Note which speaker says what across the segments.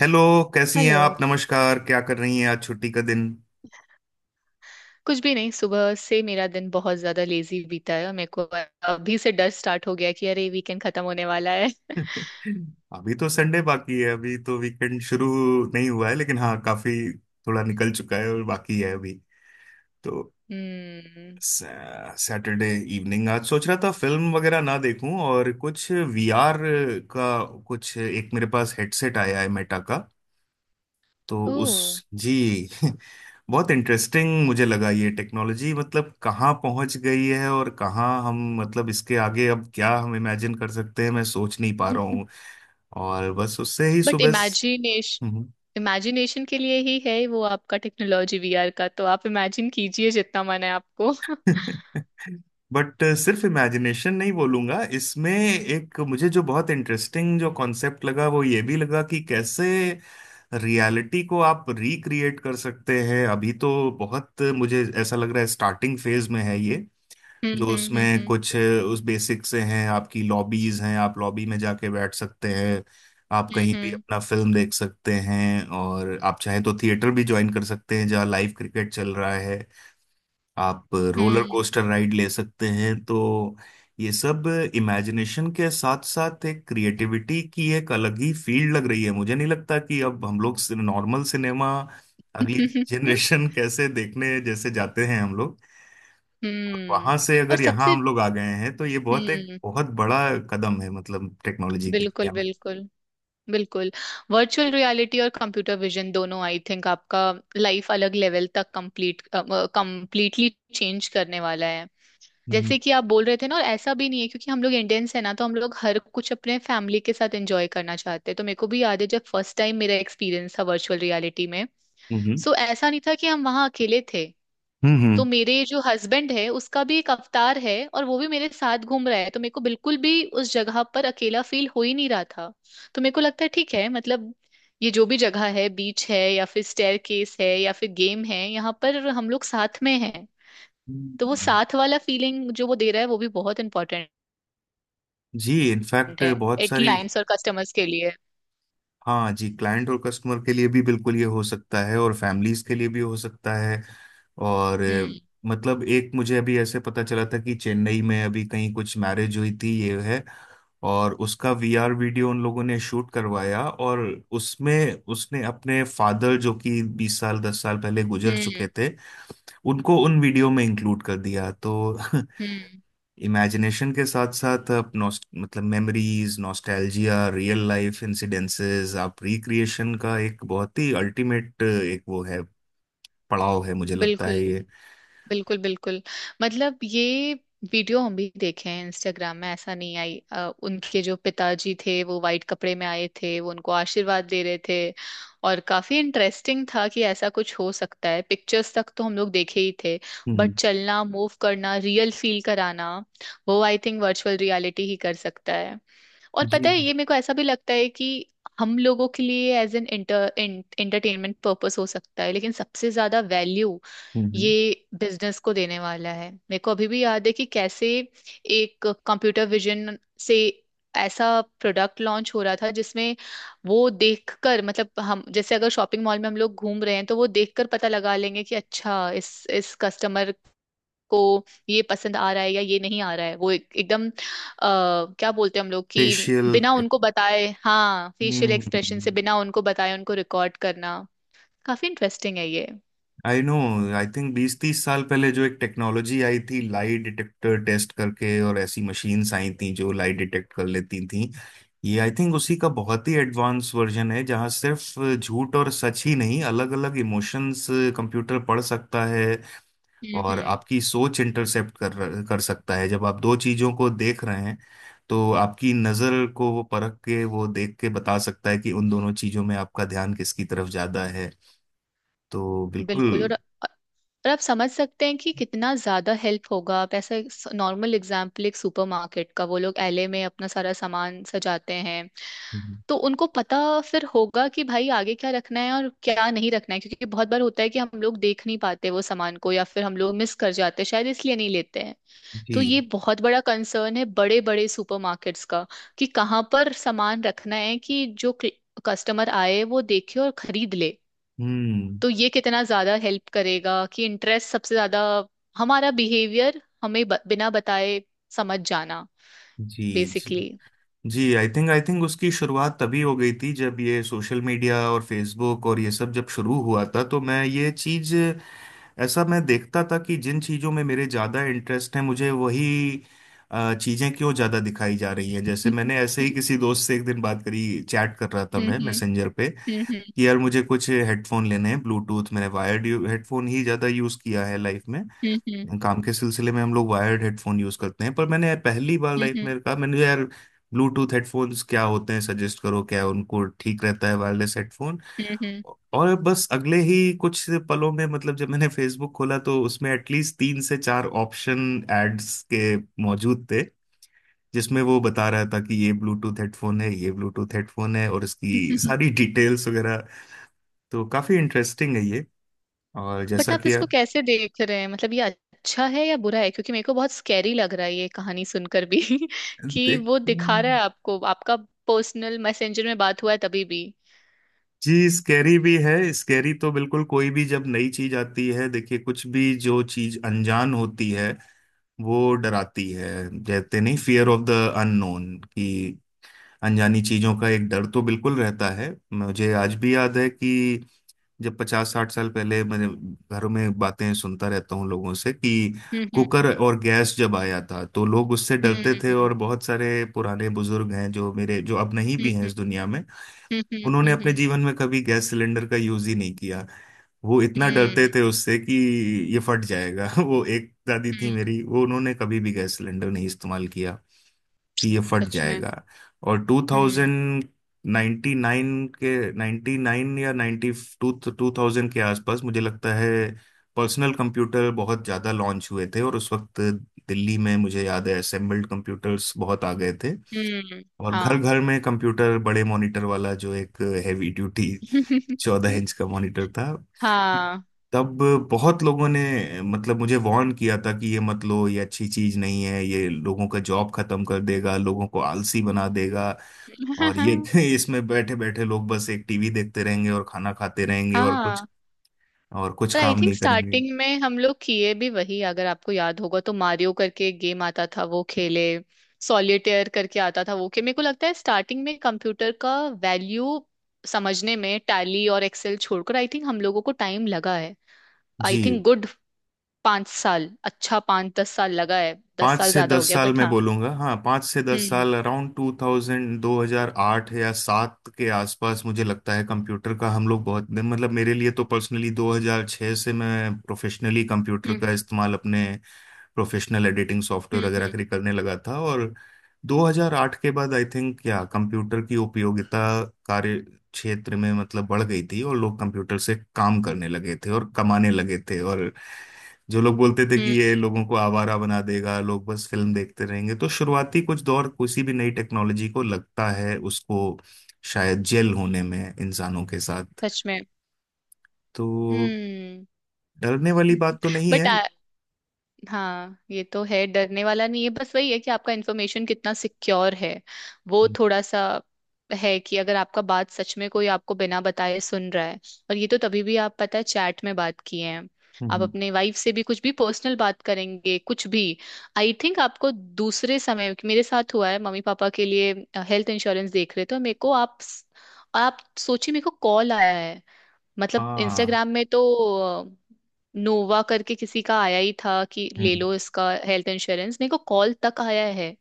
Speaker 1: Hello. कैसी हैं
Speaker 2: hello.
Speaker 1: आप? नमस्कार। क्या कर रही हैं, आज छुट्टी का दिन?
Speaker 2: कुछ भी नहीं। सुबह से मेरा दिन बहुत ज्यादा लेजी बीता है और मेरे को अभी से डर स्टार्ट हो गया कि अरे वीकेंड खत्म होने वाला है।
Speaker 1: अभी तो संडे बाकी है, अभी तो वीकेंड शुरू नहीं हुआ है, लेकिन हाँ काफी थोड़ा निकल चुका है और बाकी है अभी। तो
Speaker 2: हम्म।
Speaker 1: सैटरडे इवनिंग आज सोच रहा था फिल्म वगैरह ना देखूं और कुछ वीआर का कुछ। एक मेरे पास हेडसेट आया है मेटा का, तो उस
Speaker 2: ओह।
Speaker 1: जी। बहुत इंटरेस्टिंग मुझे लगा ये टेक्नोलॉजी, मतलब कहाँ पहुंच गई है, और कहाँ हम, मतलब इसके आगे अब क्या हम इमेजिन कर सकते हैं, मैं सोच नहीं पा रहा हूँ। और बस उससे ही
Speaker 2: बट
Speaker 1: सुबह।
Speaker 2: इमेजिनेशन इमेजिनेशन के लिए ही है वो। आपका टेक्नोलॉजी वीआर का, तो आप इमेजिन कीजिए जितना मन है आपको। हम्म,
Speaker 1: बट सिर्फ इमेजिनेशन नहीं बोलूंगा, इसमें एक मुझे जो बहुत इंटरेस्टिंग जो कॉन्सेप्ट लगा, वो ये भी लगा कि कैसे रियलिटी को आप रिक्रिएट कर सकते हैं। अभी तो बहुत मुझे ऐसा लग रहा है स्टार्टिंग फेज में है ये,
Speaker 2: हम्म,
Speaker 1: जो उसमें
Speaker 2: हम्म,
Speaker 1: कुछ उस बेसिक से हैं, आपकी लॉबीज हैं, आप लॉबी में जाके बैठ सकते हैं, आप
Speaker 2: हम्म,
Speaker 1: कहीं भी
Speaker 2: हम्म,
Speaker 1: अपना फिल्म देख सकते हैं और आप चाहें तो थिएटर भी ज्वाइन कर सकते हैं जहाँ लाइव क्रिकेट चल रहा है, आप रोलर
Speaker 2: हम्म।
Speaker 1: कोस्टर राइड ले सकते हैं। तो ये सब इमेजिनेशन के साथ साथ एक क्रिएटिविटी की एक अलग ही फील्ड लग रही है। मुझे नहीं लगता कि अब हम लोग नॉर्मल सिनेमा अगली जनरेशन कैसे देखने, जैसे जाते हैं हम।
Speaker 2: हम्म।
Speaker 1: वहां से
Speaker 2: और
Speaker 1: अगर यहाँ
Speaker 2: सबसे।
Speaker 1: हम लोग आ गए हैं तो ये बहुत एक
Speaker 2: हम्म।
Speaker 1: बहुत बड़ा कदम है, मतलब टेक्नोलॉजी की
Speaker 2: बिल्कुल,
Speaker 1: दुनिया में।
Speaker 2: बिल्कुल, बिल्कुल। वर्चुअल रियलिटी और कंप्यूटर विजन दोनों आई थिंक आपका लाइफ अलग लेवल तक कंप्लीटली चेंज करने वाला है।
Speaker 1: हम्म।
Speaker 2: जैसे कि आप बोल रहे थे ना, और ऐसा भी नहीं है क्योंकि हम लोग इंडियंस है ना, तो हम लोग हर कुछ अपने फैमिली के साथ एंजॉय करना चाहते हैं। तो मेरे को भी याद है जब फर्स्ट टाइम मेरा एक्सपीरियंस था वर्चुअल रियलिटी में।
Speaker 1: हम्म।
Speaker 2: सो ऐसा नहीं था कि हम वहाँ अकेले थे।
Speaker 1: हम्म,
Speaker 2: तो
Speaker 1: हम्म।
Speaker 2: मेरे जो हस्बैंड है उसका भी एक अवतार है और वो भी मेरे साथ घूम रहा है, तो मेरे को बिल्कुल भी उस जगह पर अकेला फील हो ही नहीं रहा था। तो मेरे को लगता है ठीक है, मतलब ये जो भी जगह है, बीच है या फिर स्टेयर केस है या फिर गेम है, यहाँ पर हम लोग साथ में हैं। तो वो
Speaker 1: हम्म।
Speaker 2: साथ वाला फीलिंग जो वो दे रहा है वो भी बहुत इंपॉर्टेंट
Speaker 1: जी, इनफैक्ट बहुत
Speaker 2: है
Speaker 1: सारी।
Speaker 2: क्लाइंट्स और कस्टमर्स के लिए।
Speaker 1: हाँ जी, क्लाइंट और कस्टमर के लिए भी बिल्कुल ये हो सकता है और फैमिलीज के लिए भी हो सकता है। और
Speaker 2: हम्म,
Speaker 1: मतलब एक मुझे अभी ऐसे पता चला था कि चेन्नई में अभी कहीं कुछ मैरिज हुई थी ये है, और उसका वीआर वीडियो उन लोगों ने शूट करवाया और उसमें उसने अपने फादर, जो कि 20 साल 10 साल पहले गुजर
Speaker 2: हम्म,
Speaker 1: चुके थे, उनको उन वीडियो में इंक्लूड कर दिया तो।
Speaker 2: हम्म।
Speaker 1: इमेजिनेशन के साथ साथ आप नॉस्ट मतलब memories, nostalgia, real life incidences, आप रिक्रिएशन का एक बहुत ही अल्टीमेट एक वो है, पड़ाव है मुझे लगता
Speaker 2: बिल्कुल,
Speaker 1: है ये।
Speaker 2: बिल्कुल, बिल्कुल। मतलब ये वीडियो हम भी देखे हैं इंस्टाग्राम में, ऐसा नहीं। उनके जो पिताजी थे वो वाइट कपड़े में आए थे, वो उनको आशीर्वाद दे रहे थे। और काफी इंटरेस्टिंग था कि ऐसा कुछ हो सकता है, पिक्चर्स तक तो हम लोग देखे ही थे।
Speaker 1: हम्म।
Speaker 2: बट चलना, मूव करना, रियल फील कराना, वो आई थिंक वर्चुअल रियलिटी ही कर सकता है। और पता है,
Speaker 1: जी।
Speaker 2: ये मेरे को ऐसा भी लगता है कि हम लोगों के लिए एज एन एंटरटेनमेंट पर्पस हो सकता है, लेकिन सबसे ज्यादा वैल्यू ये
Speaker 1: हम्म।
Speaker 2: बिजनेस को देने वाला है। मेरे को अभी भी याद है कि कैसे एक कंप्यूटर विजन से ऐसा प्रोडक्ट लॉन्च हो रहा था जिसमें वो देखकर, मतलब हम जैसे अगर शॉपिंग मॉल में हम लोग घूम रहे हैं तो वो देखकर पता लगा लेंगे कि अच्छा इस कस्टमर को ये पसंद आ रहा है या ये नहीं आ रहा है। वो एकदम क्या बोलते हैं हम लोग कि
Speaker 1: फेशियल।
Speaker 2: बिना उनको बताए, हाँ, फेशियल एक्सप्रेशन से
Speaker 1: हम्म।
Speaker 2: बिना उनको बताए उनको रिकॉर्ड करना। काफी इंटरेस्टिंग है ये।
Speaker 1: I know. आई थिंक 20 30 साल पहले जो एक टेक्नोलॉजी आई थी, लाई डिटेक्टर टेस्ट करके, और ऐसी मशीन्स आई थी जो लाई डिटेक्ट कर लेती थी, ये आई थिंक उसी का बहुत ही एडवांस वर्जन है, जहाँ सिर्फ झूठ और सच ही नहीं, अलग अलग इमोशंस कंप्यूटर पढ़ सकता है।
Speaker 2: हम्म,
Speaker 1: और आपकी सोच इंटरसेप्ट कर कर सकता है, जब आप दो चीजों को देख रहे हैं, तो आपकी नजर को वो परख के, वो देख के बता सकता है कि उन दोनों चीजों में आपका ध्यान किसकी तरफ ज्यादा है। तो
Speaker 2: बिल्कुल।
Speaker 1: बिल्कुल।
Speaker 2: और आप समझ सकते हैं कि कितना ज्यादा हेल्प होगा। आप ऐसा, नॉर्मल एग्जाम्पल एक सुपरमार्केट का, वो लोग एले में अपना सारा सामान सजाते हैं, तो उनको पता फिर होगा कि भाई आगे क्या रखना है और क्या नहीं रखना है, क्योंकि बहुत बार होता है कि हम लोग देख नहीं पाते वो सामान को या फिर हम लोग मिस कर जाते हैं, शायद इसलिए नहीं लेते हैं।
Speaker 1: जी।
Speaker 2: तो ये बहुत बड़ा कंसर्न है बड़े बड़े सुपरमार्केट्स का, कि कहाँ पर सामान रखना है कि जो कस्टमर आए वो देखे और खरीद ले।
Speaker 1: हम्म।
Speaker 2: तो ये कितना ज्यादा हेल्प करेगा कि इंटरेस्ट सबसे ज्यादा, हमारा बिहेवियर हमें बिना बताए समझ जाना,
Speaker 1: जी। जी।
Speaker 2: बेसिकली।
Speaker 1: जी, आई थिंक उसकी शुरुआत तभी हो गई थी जब ये सोशल मीडिया और फेसबुक और ये सब जब शुरू हुआ था, तो मैं ये चीज, ऐसा मैं देखता था, कि जिन चीजों में मेरे ज्यादा इंटरेस्ट है मुझे वही चीजें क्यों ज्यादा दिखाई जा रही हैं। जैसे मैंने ऐसे ही किसी दोस्त से एक दिन बात करी, चैट कर रहा था मैं मैसेंजर पे कि यार मुझे कुछ हेडफोन लेने हैं ब्लूटूथ। मैंने वायर्ड हेडफोन ही ज्यादा यूज किया है लाइफ में, काम के सिलसिले में हम लोग वायर्ड हेडफोन यूज करते हैं। पर मैंने पहली बार लाइफ में कहा मैंने, यार ब्लूटूथ हेडफोन्स क्या होते हैं, सजेस्ट करो क्या, उनको ठीक रहता है, वायरलेस हेडफोन। और बस अगले ही कुछ पलों में, मतलब जब मैंने फेसबुक खोला, तो उसमें एटलीस्ट तीन से चार ऑप्शन एड्स के मौजूद थे, जिसमें वो बता रहा था कि ये ब्लूटूथ हेडफोन है, ये ब्लूटूथ हेडफोन है और इसकी सारी डिटेल्स वगैरह। तो काफी इंटरेस्टिंग है ये। और
Speaker 2: बट
Speaker 1: जैसा
Speaker 2: आप
Speaker 1: कि
Speaker 2: इसको
Speaker 1: आप
Speaker 2: कैसे देख रहे हैं, मतलब ये अच्छा है या बुरा है, क्योंकि मेरे को बहुत स्कैरी लग रहा है ये कहानी सुनकर भी। कि
Speaker 1: देख।
Speaker 2: वो दिखा रहा है आपको, आपका पर्सनल मैसेंजर में बात हुआ है तभी भी।
Speaker 1: जी, स्कैरी भी है, स्कैरी तो बिल्कुल। कोई भी जब नई चीज आती है देखिए, कुछ भी जो चीज अनजान होती है वो डराती है। कहते नहीं, फियर ऑफ द अननोन, कि अनजानी चीजों का एक डर तो बिल्कुल रहता है। मुझे आज भी याद है कि जब 50 60 साल पहले मैंने, घरों में बातें सुनता रहता हूँ लोगों से, कि
Speaker 2: हम्म,
Speaker 1: कुकर और गैस जब आया था तो लोग उससे
Speaker 2: हम्म,
Speaker 1: डरते थे,
Speaker 2: हम्म,
Speaker 1: और बहुत सारे पुराने बुजुर्ग हैं जो मेरे, जो अब नहीं भी
Speaker 2: हम्म,
Speaker 1: हैं इस
Speaker 2: हम्म,
Speaker 1: दुनिया में,
Speaker 2: हम्म, हम्म,
Speaker 1: उन्होंने अपने जीवन में कभी गैस सिलेंडर का यूज ही नहीं किया। वो इतना डरते
Speaker 2: हम्म,
Speaker 1: थे उससे कि ये फट जाएगा। वो एक दादी थी
Speaker 2: हम्म,
Speaker 1: मेरी, वो उन्होंने कभी भी गैस सिलेंडर नहीं इस्तेमाल किया कि ये फट
Speaker 2: सच में।
Speaker 1: जाएगा। और
Speaker 2: हम्म।
Speaker 1: 2099 के 99 या 90 टू 2000 के आसपास मुझे लगता है पर्सनल कंप्यूटर बहुत ज़्यादा लॉन्च हुए थे, और उस वक्त दिल्ली में मुझे याद है असेंबल्ड कंप्यूटर्स बहुत आ गए थे,
Speaker 2: हम्म।
Speaker 1: और घर
Speaker 2: हाँ।
Speaker 1: घर में कंप्यूटर, बड़े मॉनिटर वाला जो एक हैवी ड्यूटी 14 इंच का मॉनिटर था
Speaker 2: हाँ।
Speaker 1: तब, बहुत लोगों ने, मतलब मुझे वार्न किया था कि ये मत लो, ये अच्छी चीज नहीं है, ये लोगों का जॉब खत्म कर देगा, लोगों को आलसी बना देगा। और ये इसमें बैठे बैठे लोग बस एक टीवी देखते रहेंगे और खाना खाते रहेंगे और कुछ
Speaker 2: हाँ।
Speaker 1: और कुछ
Speaker 2: पर आई
Speaker 1: काम
Speaker 2: थिंक
Speaker 1: नहीं करेंगे।
Speaker 2: स्टार्टिंग में हम लोग किए भी वही, अगर आपको याद होगा तो मारियो करके एक गेम आता था, वो खेले, सॉलिटेयर करके आता था, वो खेले। मेरे को लगता है स्टार्टिंग में कंप्यूटर का वैल्यू समझने में टैली और एक्सेल छोड़कर आई थिंक हम लोगों को टाइम लगा है। आई थिंक
Speaker 1: जी।
Speaker 2: गुड 5 साल, अच्छा 5-10 साल लगा है। दस
Speaker 1: पाँच
Speaker 2: साल
Speaker 1: से
Speaker 2: ज्यादा हो
Speaker 1: दस
Speaker 2: गया,
Speaker 1: साल
Speaker 2: बट
Speaker 1: में
Speaker 2: हाँ।
Speaker 1: बोलूंगा, हाँ पाँच से दस
Speaker 2: हम्म,
Speaker 1: साल अराउंड टू थाउजेंड, 2008 या सात के आसपास मुझे लगता है कंप्यूटर का हम लोग बहुत, मतलब मेरे लिए तो पर्सनली 2006 से मैं प्रोफेशनली कंप्यूटर
Speaker 2: हम्म,
Speaker 1: का इस्तेमाल अपने प्रोफेशनल एडिटिंग
Speaker 2: हम्म,
Speaker 1: सॉफ्टवेयर वगैरह
Speaker 2: हम्म,
Speaker 1: के लिए करने लगा था। और 2008 के बाद आई थिंक, क्या कंप्यूटर की उपयोगिता कार्य क्षेत्र में मतलब बढ़ गई थी, और लोग कंप्यूटर से काम करने लगे थे और कमाने लगे थे। और जो लोग बोलते थे कि ये
Speaker 2: हम्म,
Speaker 1: लोगों को आवारा बना देगा, लोग बस फिल्म देखते रहेंगे, तो शुरुआती कुछ दौर किसी भी नई टेक्नोलॉजी को लगता है उसको, शायद जेल होने में, इंसानों के साथ।
Speaker 2: सच में।
Speaker 1: तो
Speaker 2: हम्म।
Speaker 1: डरने वाली बात तो नहीं
Speaker 2: बट
Speaker 1: है।
Speaker 2: हाँ, ये तो है, डरने वाला नहीं है, बस वही है कि आपका इन्फॉर्मेशन कितना सिक्योर है, वो
Speaker 1: हम्म।
Speaker 2: थोड़ा सा है कि अगर आपका बात सच में कोई आपको बिना बताए सुन रहा है। और ये तो तभी भी, आप पता है, चैट में बात किए हैं, आप
Speaker 1: हम्म।
Speaker 2: अपने वाइफ से भी कुछ भी पर्सनल बात करेंगे, कुछ भी। आई थिंक आपको दूसरे समय मेरे साथ हुआ है, मम्मी पापा के लिए हेल्थ इंश्योरेंस देख रहे थे और मेरे को, आप सोचिए, मेरे को कॉल आया है। मतलब
Speaker 1: हाँ।
Speaker 2: इंस्टाग्राम में तो नोवा करके किसी का आया ही था कि ले
Speaker 1: हम्म।
Speaker 2: लो इसका हेल्थ इंश्योरेंस, मेरे को कॉल तक आया है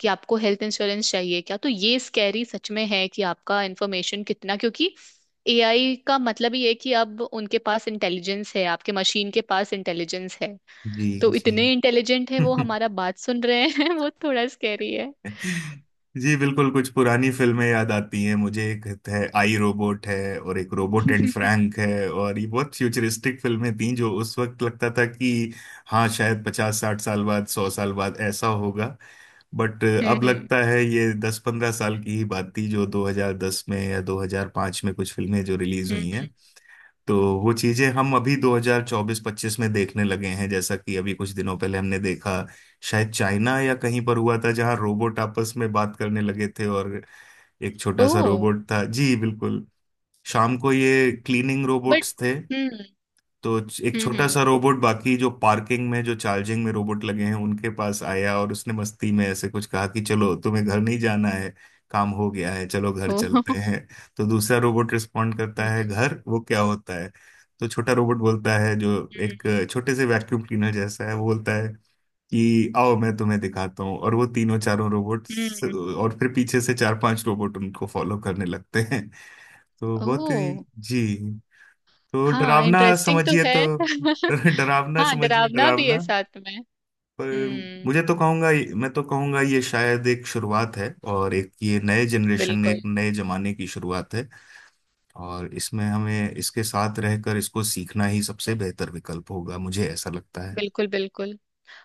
Speaker 2: कि आपको हेल्थ इंश्योरेंस चाहिए क्या। तो ये स्कैरी सच में है कि आपका इंफॉर्मेशन कितना, क्योंकि एआई का मतलब ही है कि अब उनके पास इंटेलिजेंस है, आपके मशीन के पास इंटेलिजेंस है।
Speaker 1: जी।
Speaker 2: तो
Speaker 1: जी।
Speaker 2: इतने इंटेलिजेंट है वो, हमारा बात सुन रहे हैं। वो थोड़ा स्कैरी है।
Speaker 1: जी, बिल्कुल। कुछ पुरानी फिल्में याद आती हैं मुझे, एक है आई रोबोट है और एक रोबोट एंड
Speaker 2: हम्म,
Speaker 1: फ्रैंक है, और ये बहुत फ्यूचरिस्टिक फिल्में थीं जो उस वक्त लगता था कि हाँ शायद 50 60 साल बाद 100 साल बाद ऐसा होगा। बट अब
Speaker 2: हम्म,
Speaker 1: लगता है ये 10 15 साल की ही बात थी, जो 2010 में या 2005 में कुछ फिल्में जो रिलीज हुई
Speaker 2: हम्म।
Speaker 1: हैं, तो वो चीजें हम अभी 2024-25 में देखने लगे हैं। जैसा कि अभी कुछ दिनों पहले हमने देखा, शायद चाइना या कहीं पर हुआ था, जहां रोबोट आपस में बात करने लगे थे, और एक
Speaker 2: ओ।
Speaker 1: छोटा सा रोबोट था। जी, बिल्कुल। शाम को ये क्लीनिंग
Speaker 2: बट।
Speaker 1: रोबोट्स थे।
Speaker 2: हम्म,
Speaker 1: तो एक
Speaker 2: हम्म,
Speaker 1: छोटा
Speaker 2: हम्म।
Speaker 1: सा रोबोट, बाकी जो पार्किंग में, जो चार्जिंग में रोबोट लगे हैं, उनके पास आया और उसने मस्ती में ऐसे कुछ कहा कि चलो तुम्हें घर नहीं जाना है, काम हो गया है, चलो घर
Speaker 2: ओ।
Speaker 1: चलते हैं। तो दूसरा रोबोट रिस्पॉन्ड करता
Speaker 2: हम्म,
Speaker 1: है, घर, वो क्या होता है? तो छोटा रोबोट बोलता है, जो एक छोटे से वैक्यूम क्लीनर जैसा है, वो बोलता है कि आओ मैं तुम्हें दिखाता हूँ, और वो तीनों चारों रोबोट,
Speaker 2: हम्म।
Speaker 1: और फिर पीछे से चार पांच रोबोट उनको फॉलो करने लगते हैं। तो बहुत ही।
Speaker 2: ओह।
Speaker 1: जी। तो
Speaker 2: हाँ,
Speaker 1: डरावना
Speaker 2: इंटरेस्टिंग तो
Speaker 1: समझिए
Speaker 2: है।
Speaker 1: तो। डरावना
Speaker 2: हाँ,
Speaker 1: समझिए,
Speaker 2: डरावना भी है
Speaker 1: डरावना।
Speaker 2: साथ में।
Speaker 1: पर
Speaker 2: हम्म।
Speaker 1: मुझे तो कहूंगा मैं तो कहूंगा ये शायद एक शुरुआत है, और एक ये नए जनरेशन,
Speaker 2: बिल्कुल,
Speaker 1: एक नए जमाने की शुरुआत है। और इसमें हमें इसके साथ रहकर इसको सीखना ही सबसे बेहतर विकल्प होगा, मुझे ऐसा लगता है।
Speaker 2: बिल्कुल, बिल्कुल।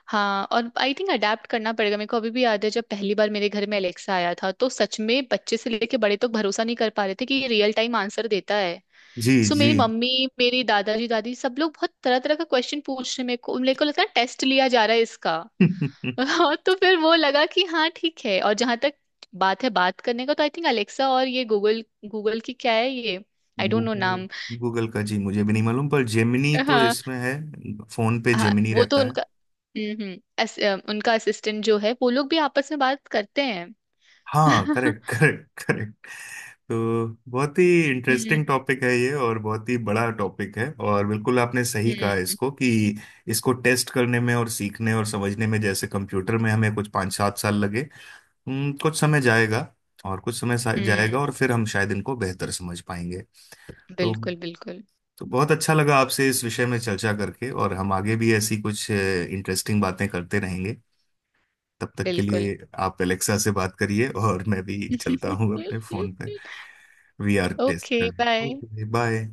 Speaker 2: हाँ, और आई थिंक अडेप्ट करना पड़ेगा, मेरे को अभी भी याद है जब पहली बार मेरे घर में एलेक्सा आया था तो सच में बच्चे से लेके बड़े तक भरोसा नहीं कर पा रहे थे कि ये रियल टाइम आंसर देता है।
Speaker 1: जी।
Speaker 2: सो
Speaker 1: जी।
Speaker 2: मेरी मम्मी, मेरी दादाजी दादी सब लोग बहुत तरह तरह का क्वेश्चन पूछ रहे हैं। मेरे को लगता है टेस्ट लिया जा रहा है इसका। हाँ, तो फिर वो लगा कि हाँ ठीक है। और जहां तक बात है, बात करने का, तो आई थिंक अलेक्सा और ये गूगल, गूगल की क्या है ये, आई डोंट नो
Speaker 1: गूगल।
Speaker 2: नाम।
Speaker 1: गूगल का जी मुझे भी नहीं मालूम, पर जेमिनी तो
Speaker 2: हाँ।
Speaker 1: इसमें है, फोन पे
Speaker 2: हाँ,
Speaker 1: जेमिनी
Speaker 2: वो तो
Speaker 1: रहता है।
Speaker 2: उनका, हम्म, हम्म, उनका असिस्टेंट जो है, वो लोग भी आपस में बात करते हैं।
Speaker 1: हाँ, करेक्ट करेक्ट करेक्ट। तो बहुत ही
Speaker 2: हम्म,
Speaker 1: इंटरेस्टिंग टॉपिक है ये, और बहुत ही बड़ा टॉपिक है, और बिल्कुल आपने सही कहा
Speaker 2: हम्म,
Speaker 1: इसको, कि इसको टेस्ट करने में, और सीखने और समझने में, जैसे कंप्यूटर में हमें कुछ 5 7 साल लगे। कुछ समय जाएगा, और कुछ समय जाएगा, और
Speaker 2: हम्म।
Speaker 1: फिर हम शायद इनको बेहतर समझ पाएंगे। तो
Speaker 2: बिल्कुल, बिल्कुल,
Speaker 1: तो बहुत अच्छा लगा आपसे इस विषय में चर्चा करके, और हम आगे भी ऐसी कुछ इंटरेस्टिंग बातें करते रहेंगे। तब तक के
Speaker 2: बिल्कुल।
Speaker 1: लिए आप एलेक्सा से बात करिए, और मैं भी चलता हूँ अपने फोन पे वीआर टेस्ट
Speaker 2: ओके
Speaker 1: करने।
Speaker 2: बाय।
Speaker 1: Okay bye.